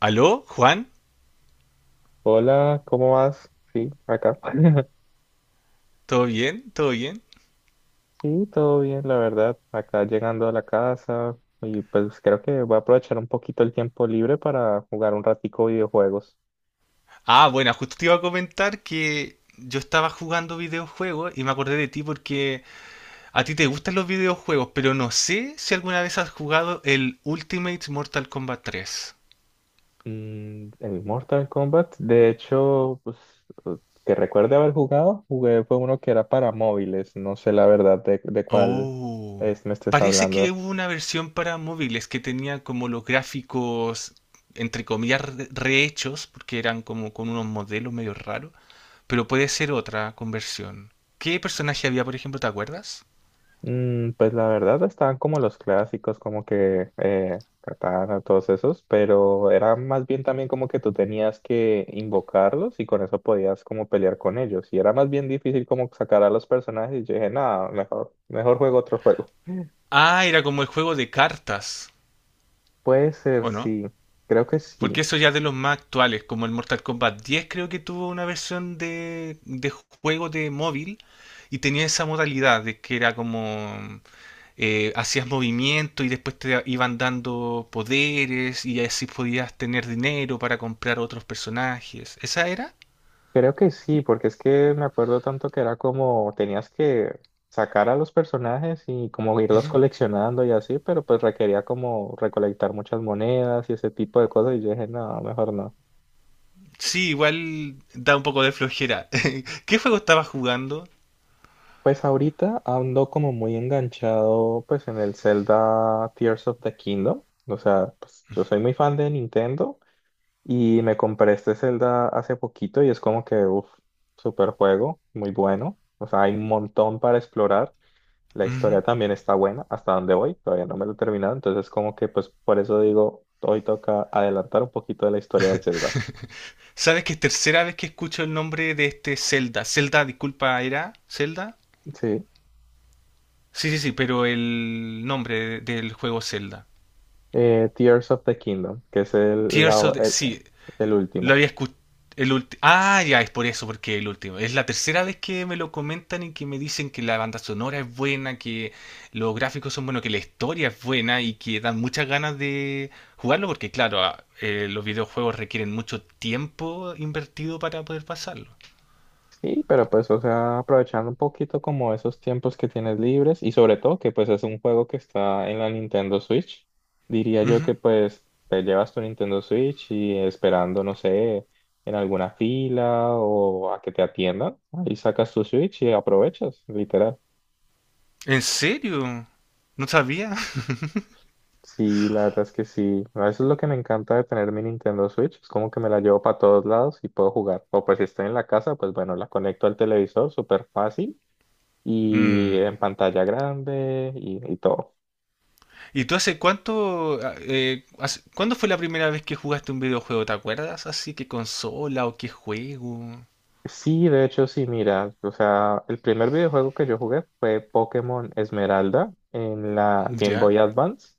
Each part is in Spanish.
¿Aló, Juan? Hola, ¿cómo vas? Sí, acá. ¿Todo bien? ¿Todo bien? Sí, todo bien, la verdad. Acá llegando a la casa y pues creo que voy a aprovechar un poquito el tiempo libre para jugar un ratico videojuegos. Bueno, justo te iba a comentar que yo estaba jugando videojuegos y me acordé de ti porque a ti te gustan los videojuegos, pero no sé si alguna vez has jugado el Ultimate Mortal Kombat 3. Mm, el Mortal Kombat, de hecho, pues eh, que recuerde haber jugado, jugué fue uno que era para móviles. No sé la verdad de cuál Oh, es me estés parece que hablando. hubo una versión para móviles que tenía como los gráficos, entre comillas, rehechos, porque eran como con unos modelos medio raros, pero puede ser otra conversión. ¿Qué personaje había, por ejemplo, te acuerdas? Mm, pues la verdad estaban como los clásicos, como que Katana, todos esos, pero era más bien también como que tú tenías que invocarlos y con eso podías como pelear con ellos. Y era más bien difícil como sacar a los personajes y yo dije, nada, mejor juego otro juego. Ah, era como el juego de cartas, Puede ser, ¿o no? sí, creo que sí. Porque eso ya es de los más actuales, como el Mortal Kombat 10 creo que tuvo una versión de juego de móvil y tenía esa modalidad de que era como hacías movimiento y después te iban dando poderes y así podías tener dinero para comprar otros personajes. ¿Esa era? Creo que sí, porque es que me acuerdo tanto que era como tenías que sacar a los personajes y como irlos Ujú. coleccionando y así, pero pues requería como recolectar muchas monedas y ese tipo de cosas y yo dije, no, mejor no. Sí, igual da un poco de flojera. ¿Qué juego estabas jugando? Pues ahorita ando como muy enganchado pues en el Zelda Tears of the Kingdom, o sea, pues yo soy muy fan de Nintendo y me compré este Zelda hace poquito y es como que, uff, super juego, muy bueno, o sea, hay un montón para explorar. La historia también está buena, hasta donde voy, todavía no me lo he terminado, entonces como que pues por eso digo, hoy toca adelantar un poquito de la historia del Zelda. ¿Sabes que es tercera vez que escucho el nombre de este Zelda? Zelda, disculpa, ¿era Zelda? Sí, Sí, sí, sí, pero el del juego Zelda. Tears of the Kingdom, que es Tears of the... Sí, el lo último. había escuchado. El ya, es por eso, porque el último. Es la tercera vez que me lo comentan y que me dicen que la banda sonora es buena, que los gráficos son buenos, que la historia es buena y que dan muchas ganas de jugarlo, porque claro, los videojuegos requieren mucho tiempo invertido para poder pasarlo. Sí, pero pues, o sea, aprovechando un poquito como esos tiempos que tienes libres y sobre todo que pues es un juego que está en la Nintendo Switch, diría yo Ujú. que pues te llevas tu Nintendo Switch y esperando, no sé, en alguna fila o a que te atiendan, ahí sacas tu Switch y aprovechas, literal. ¿En serio? No sabía. Sí, la verdad es que sí. Eso es lo que me encanta de tener mi Nintendo Switch. Es como que me la llevo para todos lados y puedo jugar. O pues si estoy en la casa, pues bueno, la conecto al televisor, súper fácil, y Mm. en pantalla grande y todo. ¿Y tú hace cuánto, cuándo fue la primera vez que jugaste un videojuego? ¿Te acuerdas? Así, ¿qué consola o qué juego? Sí, de hecho, sí, mira, o sea, el primer videojuego que yo jugué fue Pokémon Esmeralda en la Game Boy ¿Ya? Advance.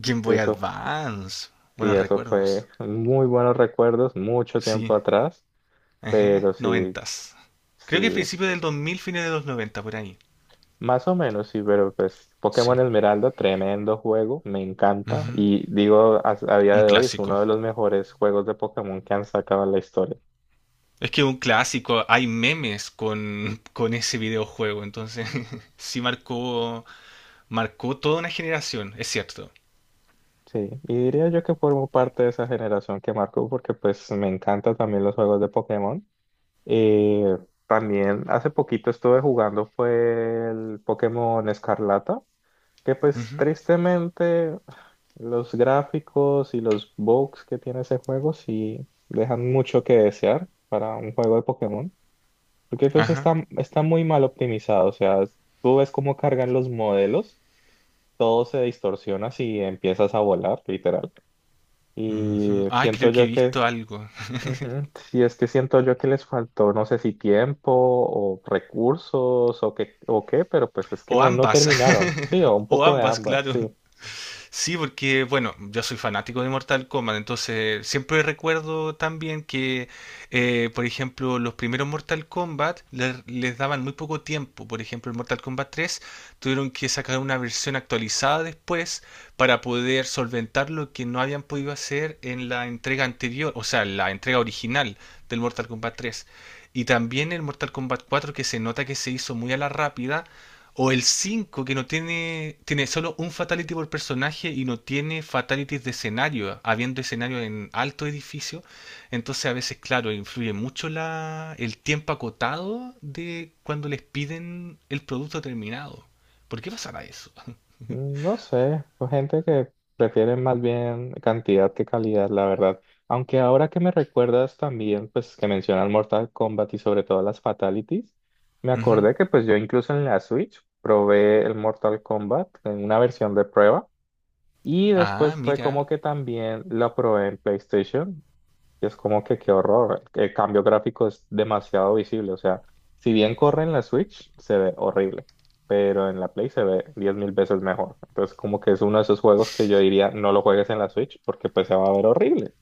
Game Boy Eso, Advance. sí, Buenos eso fue recuerdos. muy buenos recuerdos, mucho Sí. tiempo atrás, Ajá. pero sí, Noventas. sí, Creo que principio del 2000, fines de los 90 por ahí. más o menos, sí, pero pues Sí. Pokémon Esmeralda, tremendo juego, me encanta Ujú. y digo, a día Un de hoy es clásico. uno de los mejores juegos de Pokémon que han sacado en la historia. Es que un clásico, hay memes con ese videojuego, entonces sí marcó. Marcó toda una generación, es cierto. Sí, y diría yo que formo parte de esa generación que marcó porque pues me encantan también los juegos de Pokémon. Eh, También hace poquito estuve jugando fue el Pokémon Escarlata, que pues Ujú. tristemente los gráficos y los bugs que tiene ese juego sí dejan mucho que desear para un juego de Pokémon, porque pues Ajá. está muy mal optimizado, o sea, tú ves cómo cargan los modelos, todo se distorsiona si empiezas a volar, literal. Ujú. Y Ay, siento creo que he yo que, visto algo. ujú, si es que siento yo que les faltó, no sé si tiempo o recursos o qué, pero pues es que O no, no ambas. terminaron. Sí, o un O poco de ambas, ambas, claro. sí. Sí, porque bueno, yo soy fanático de Mortal Kombat, entonces siempre recuerdo también que, por ejemplo, los primeros Mortal Kombat les daban muy poco tiempo. Por ejemplo, el Mortal Kombat 3 tuvieron que sacar una versión actualizada después para poder solventar lo que no habían podido hacer en la entrega anterior, o sea, la entrega original del Mortal Kombat 3. Y también el Mortal Kombat 4 que se nota que se hizo muy a la rápida o el 5 que no tiene, tiene solo un fatality por personaje y no tiene fatalities de escenario, habiendo escenario en alto edificio. Entonces a veces, claro, influye mucho el tiempo acotado de cuando les piden el producto terminado. ¿Por qué pasará eso? Mm, no sé, pues gente que prefiere más bien cantidad que calidad, la verdad. Aunque ahora que me recuerdas también, pues que mencionas Mortal Kombat y sobre todo las Fatalities, me Ujú. acordé que pues yo incluso en la Switch probé el Mortal Kombat en una versión de prueba. Y Ah, después fue como mira. que también la probé en PlayStation. Y es como que qué horror. El cambio gráfico es demasiado visible. O sea, si bien corre en la Switch, se ve horrible. Pero en la Play se ve 10.000 veces mejor. Entonces, como que es uno de esos juegos que yo diría, no lo juegues en la Switch porque pues se va a ver horrible.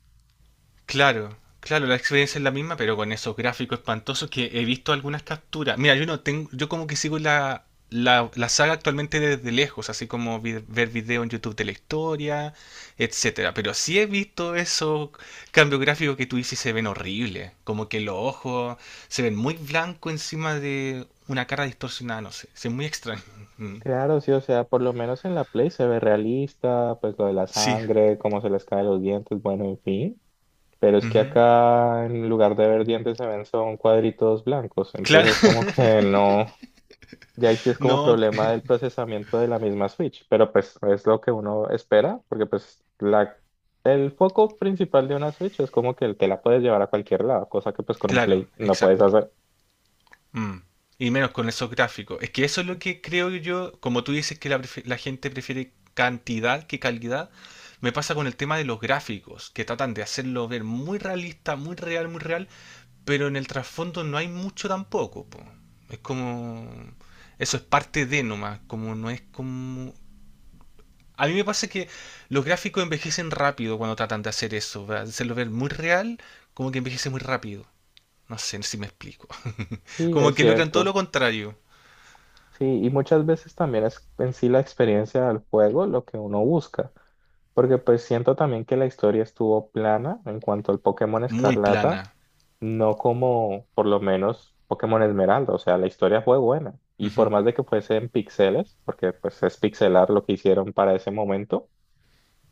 Claro, claro, la experiencia es la misma, pero con esos gráficos espantosos que he visto algunas capturas. Mira, yo no tengo, yo como que sigo la saga actualmente desde lejos, así como ver video en YouTube de la historia, etcétera. Pero sí he visto esos cambios gráficos que tú dices y se ven horribles, como que los ojos se ven muy blancos encima de una cara distorsionada, no sé, es muy extraño. Mm. Claro, sí, o sea, por lo menos en la Play se ve realista, pues lo de la Sí, sangre, cómo se les caen los dientes, bueno, en fin. Pero es que ujú. acá en lugar de ver dientes se ven son cuadritos blancos, Claro, entonces es como que no, ya ahí sí es como no, problema del procesamiento de la misma Switch, pero pues es lo que uno espera, porque pues la, el foco principal de una Switch es como que te la puedes llevar a cualquier lado, cosa que pues con un claro, Play no puedes exacto. hacer. Mm. Y menos con esos gráficos. Es que eso es lo que creo yo, como tú dices que la gente prefiere cantidad que calidad, me pasa con el tema de los gráficos, que tratan de hacerlo ver muy realista, muy real, muy real, pero en el trasfondo no hay mucho tampoco, po. Es como... Eso es parte de nomás, como no es como... A mí me pasa que los gráficos envejecen rápido cuando tratan de hacer eso, ¿verdad? De hacerlo ver muy real, como que envejece muy rápido. No sé si me explico. Y Como es que logran todo lo cierto, contrario. sí, y muchas veces también es en sí la experiencia del juego lo que uno busca. Porque pues siento también que la historia estuvo plana en cuanto al Pokémon Muy Escarlata. plana. No como por lo menos Pokémon Esmeralda, o sea, la historia fue buena. Y por Ujú. más de que fuese en píxeles, porque pues es pixelar lo que hicieron para ese momento,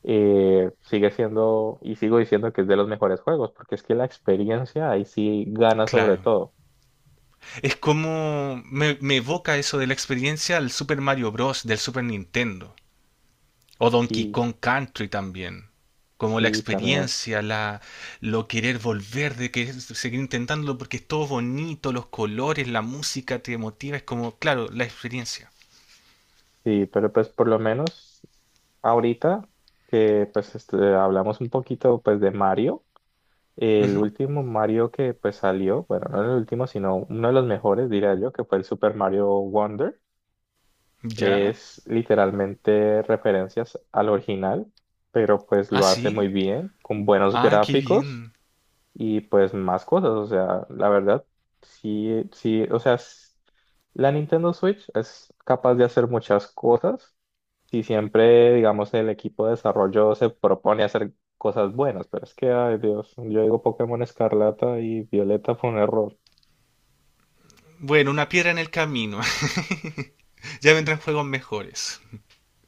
sigue siendo y sigo diciendo que es de los mejores juegos, porque es que la experiencia ahí sí gana sobre Claro. todo. Es como me evoca eso de la experiencia al Super Mario Bros. Del Super Nintendo. O Donkey Sí, Kong Country también. Como la sí, también. experiencia, lo querer volver, de que seguir intentándolo porque es todo bonito, los colores, la música te motiva. Es como, claro, la experiencia. Sí, pero pues por lo menos ahorita que pues este, hablamos un poquito pues de Mario. El Ujú. último Mario que pues salió, bueno, no el último, sino uno de los mejores, diría yo, que fue el Super Mario Wonder. ¿Ya? Es literalmente referencias al original, pero pues ¿Ah, lo hace muy sí? bien, con buenos Ah, qué gráficos bien. y pues más cosas, o sea, la verdad, sí, sí, o sea, s- la Nintendo Switch es capaz de hacer muchas cosas si siempre, digamos, el equipo de desarrollo se propone hacer cosas buenas, pero es que, ay Dios, yo digo Pokémon Escarlata y Violeta fue un error. Bueno, una piedra en el camino. Ya vendrán juegos mejores.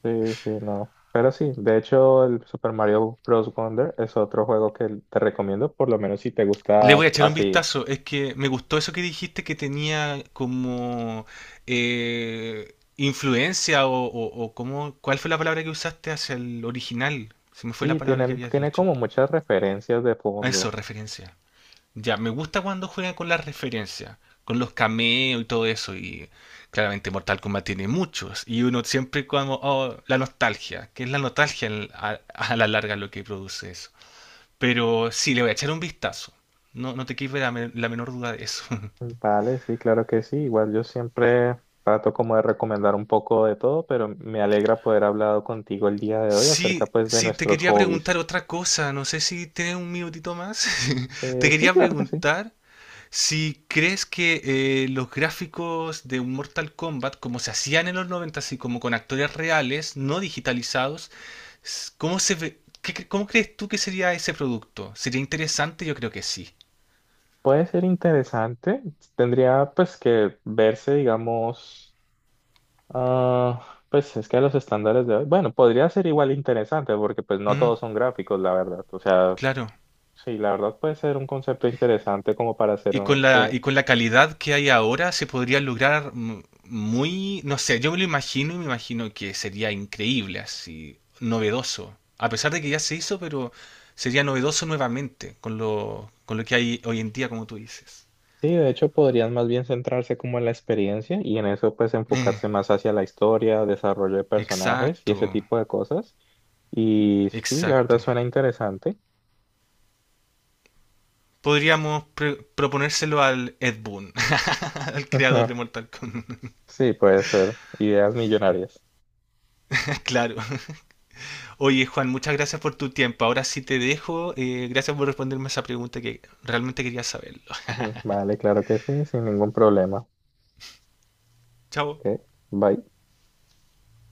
Sí, sí, no. Pero sí, de hecho, el Super Mario Bros. Wonder es otro juego que te recomiendo, por lo menos si te Le voy gusta a echar un así. vistazo. Es que me gustó eso que dijiste que tenía como influencia ¿cuál fue la palabra que usaste hacia el original? Se me fue la Sí, palabra que tienen, habías tiene dicho. como muchas referencias de Ah, eso, fondo. referencia. Ya, me gusta cuando juegan con las referencias, con los cameos y todo eso. Y claramente Mortal Kombat tiene muchos. Y uno siempre como, oh, la nostalgia, que es la nostalgia a la larga lo que produce eso. Pero sí, le voy a echar un vistazo. No, no te quepa la menor duda de eso. Vale, sí, claro que sí. Igual yo siempre trato como de recomendar un poco de todo, pero me alegra poder hablado contigo el día de hoy acerca Sí, pues de sí, te nuestros quería preguntar hobbies. otra cosa. No sé si tienes un minutito más. Te Sí, quería claro que sí. preguntar si crees que los gráficos de Mortal Kombat, como se hacían en los 90, así como con actores reales, no digitalizados, s- ¿cómo se ve- qué cre- ¿cómo crees tú que sería ese producto? ¿Sería interesante? Yo creo que sí. Puede ser interesante. Tendría pues que verse, digamos, ah, pues es que los estándares de hoy, bueno, podría ser igual interesante porque pues no Mm, todos son gráficos, la verdad. O sea, claro. sí, la verdad puede ser un concepto interesante como para hacer Y con un, y con la calidad que hay ahora se podría lograr muy, no sé, yo me lo imagino y me imagino que sería increíble, así, novedoso. A pesar de que ya se hizo, pero sería novedoso nuevamente con con lo que hay hoy en día, como tú dices. sí, de hecho podrían más bien centrarse como en la experiencia y en eso pues Eh, enfocarse más hacia la historia, desarrollo de personajes y exacto, ese tipo de cosas. Y sí, la verdad exacto. suena interesante. Podríamos proponérselo al Ed Boon, al creador de Mortal Kombat. Sí, puede ser. Ideas millonarias. Claro. Oye, Juan, muchas gracias por tu tiempo. Ahora sí te dejo. Gracias por responderme esa pregunta que realmente quería saber. Ujú, vale, claro que sí, sin ningún problema. Chao. Ok, bye.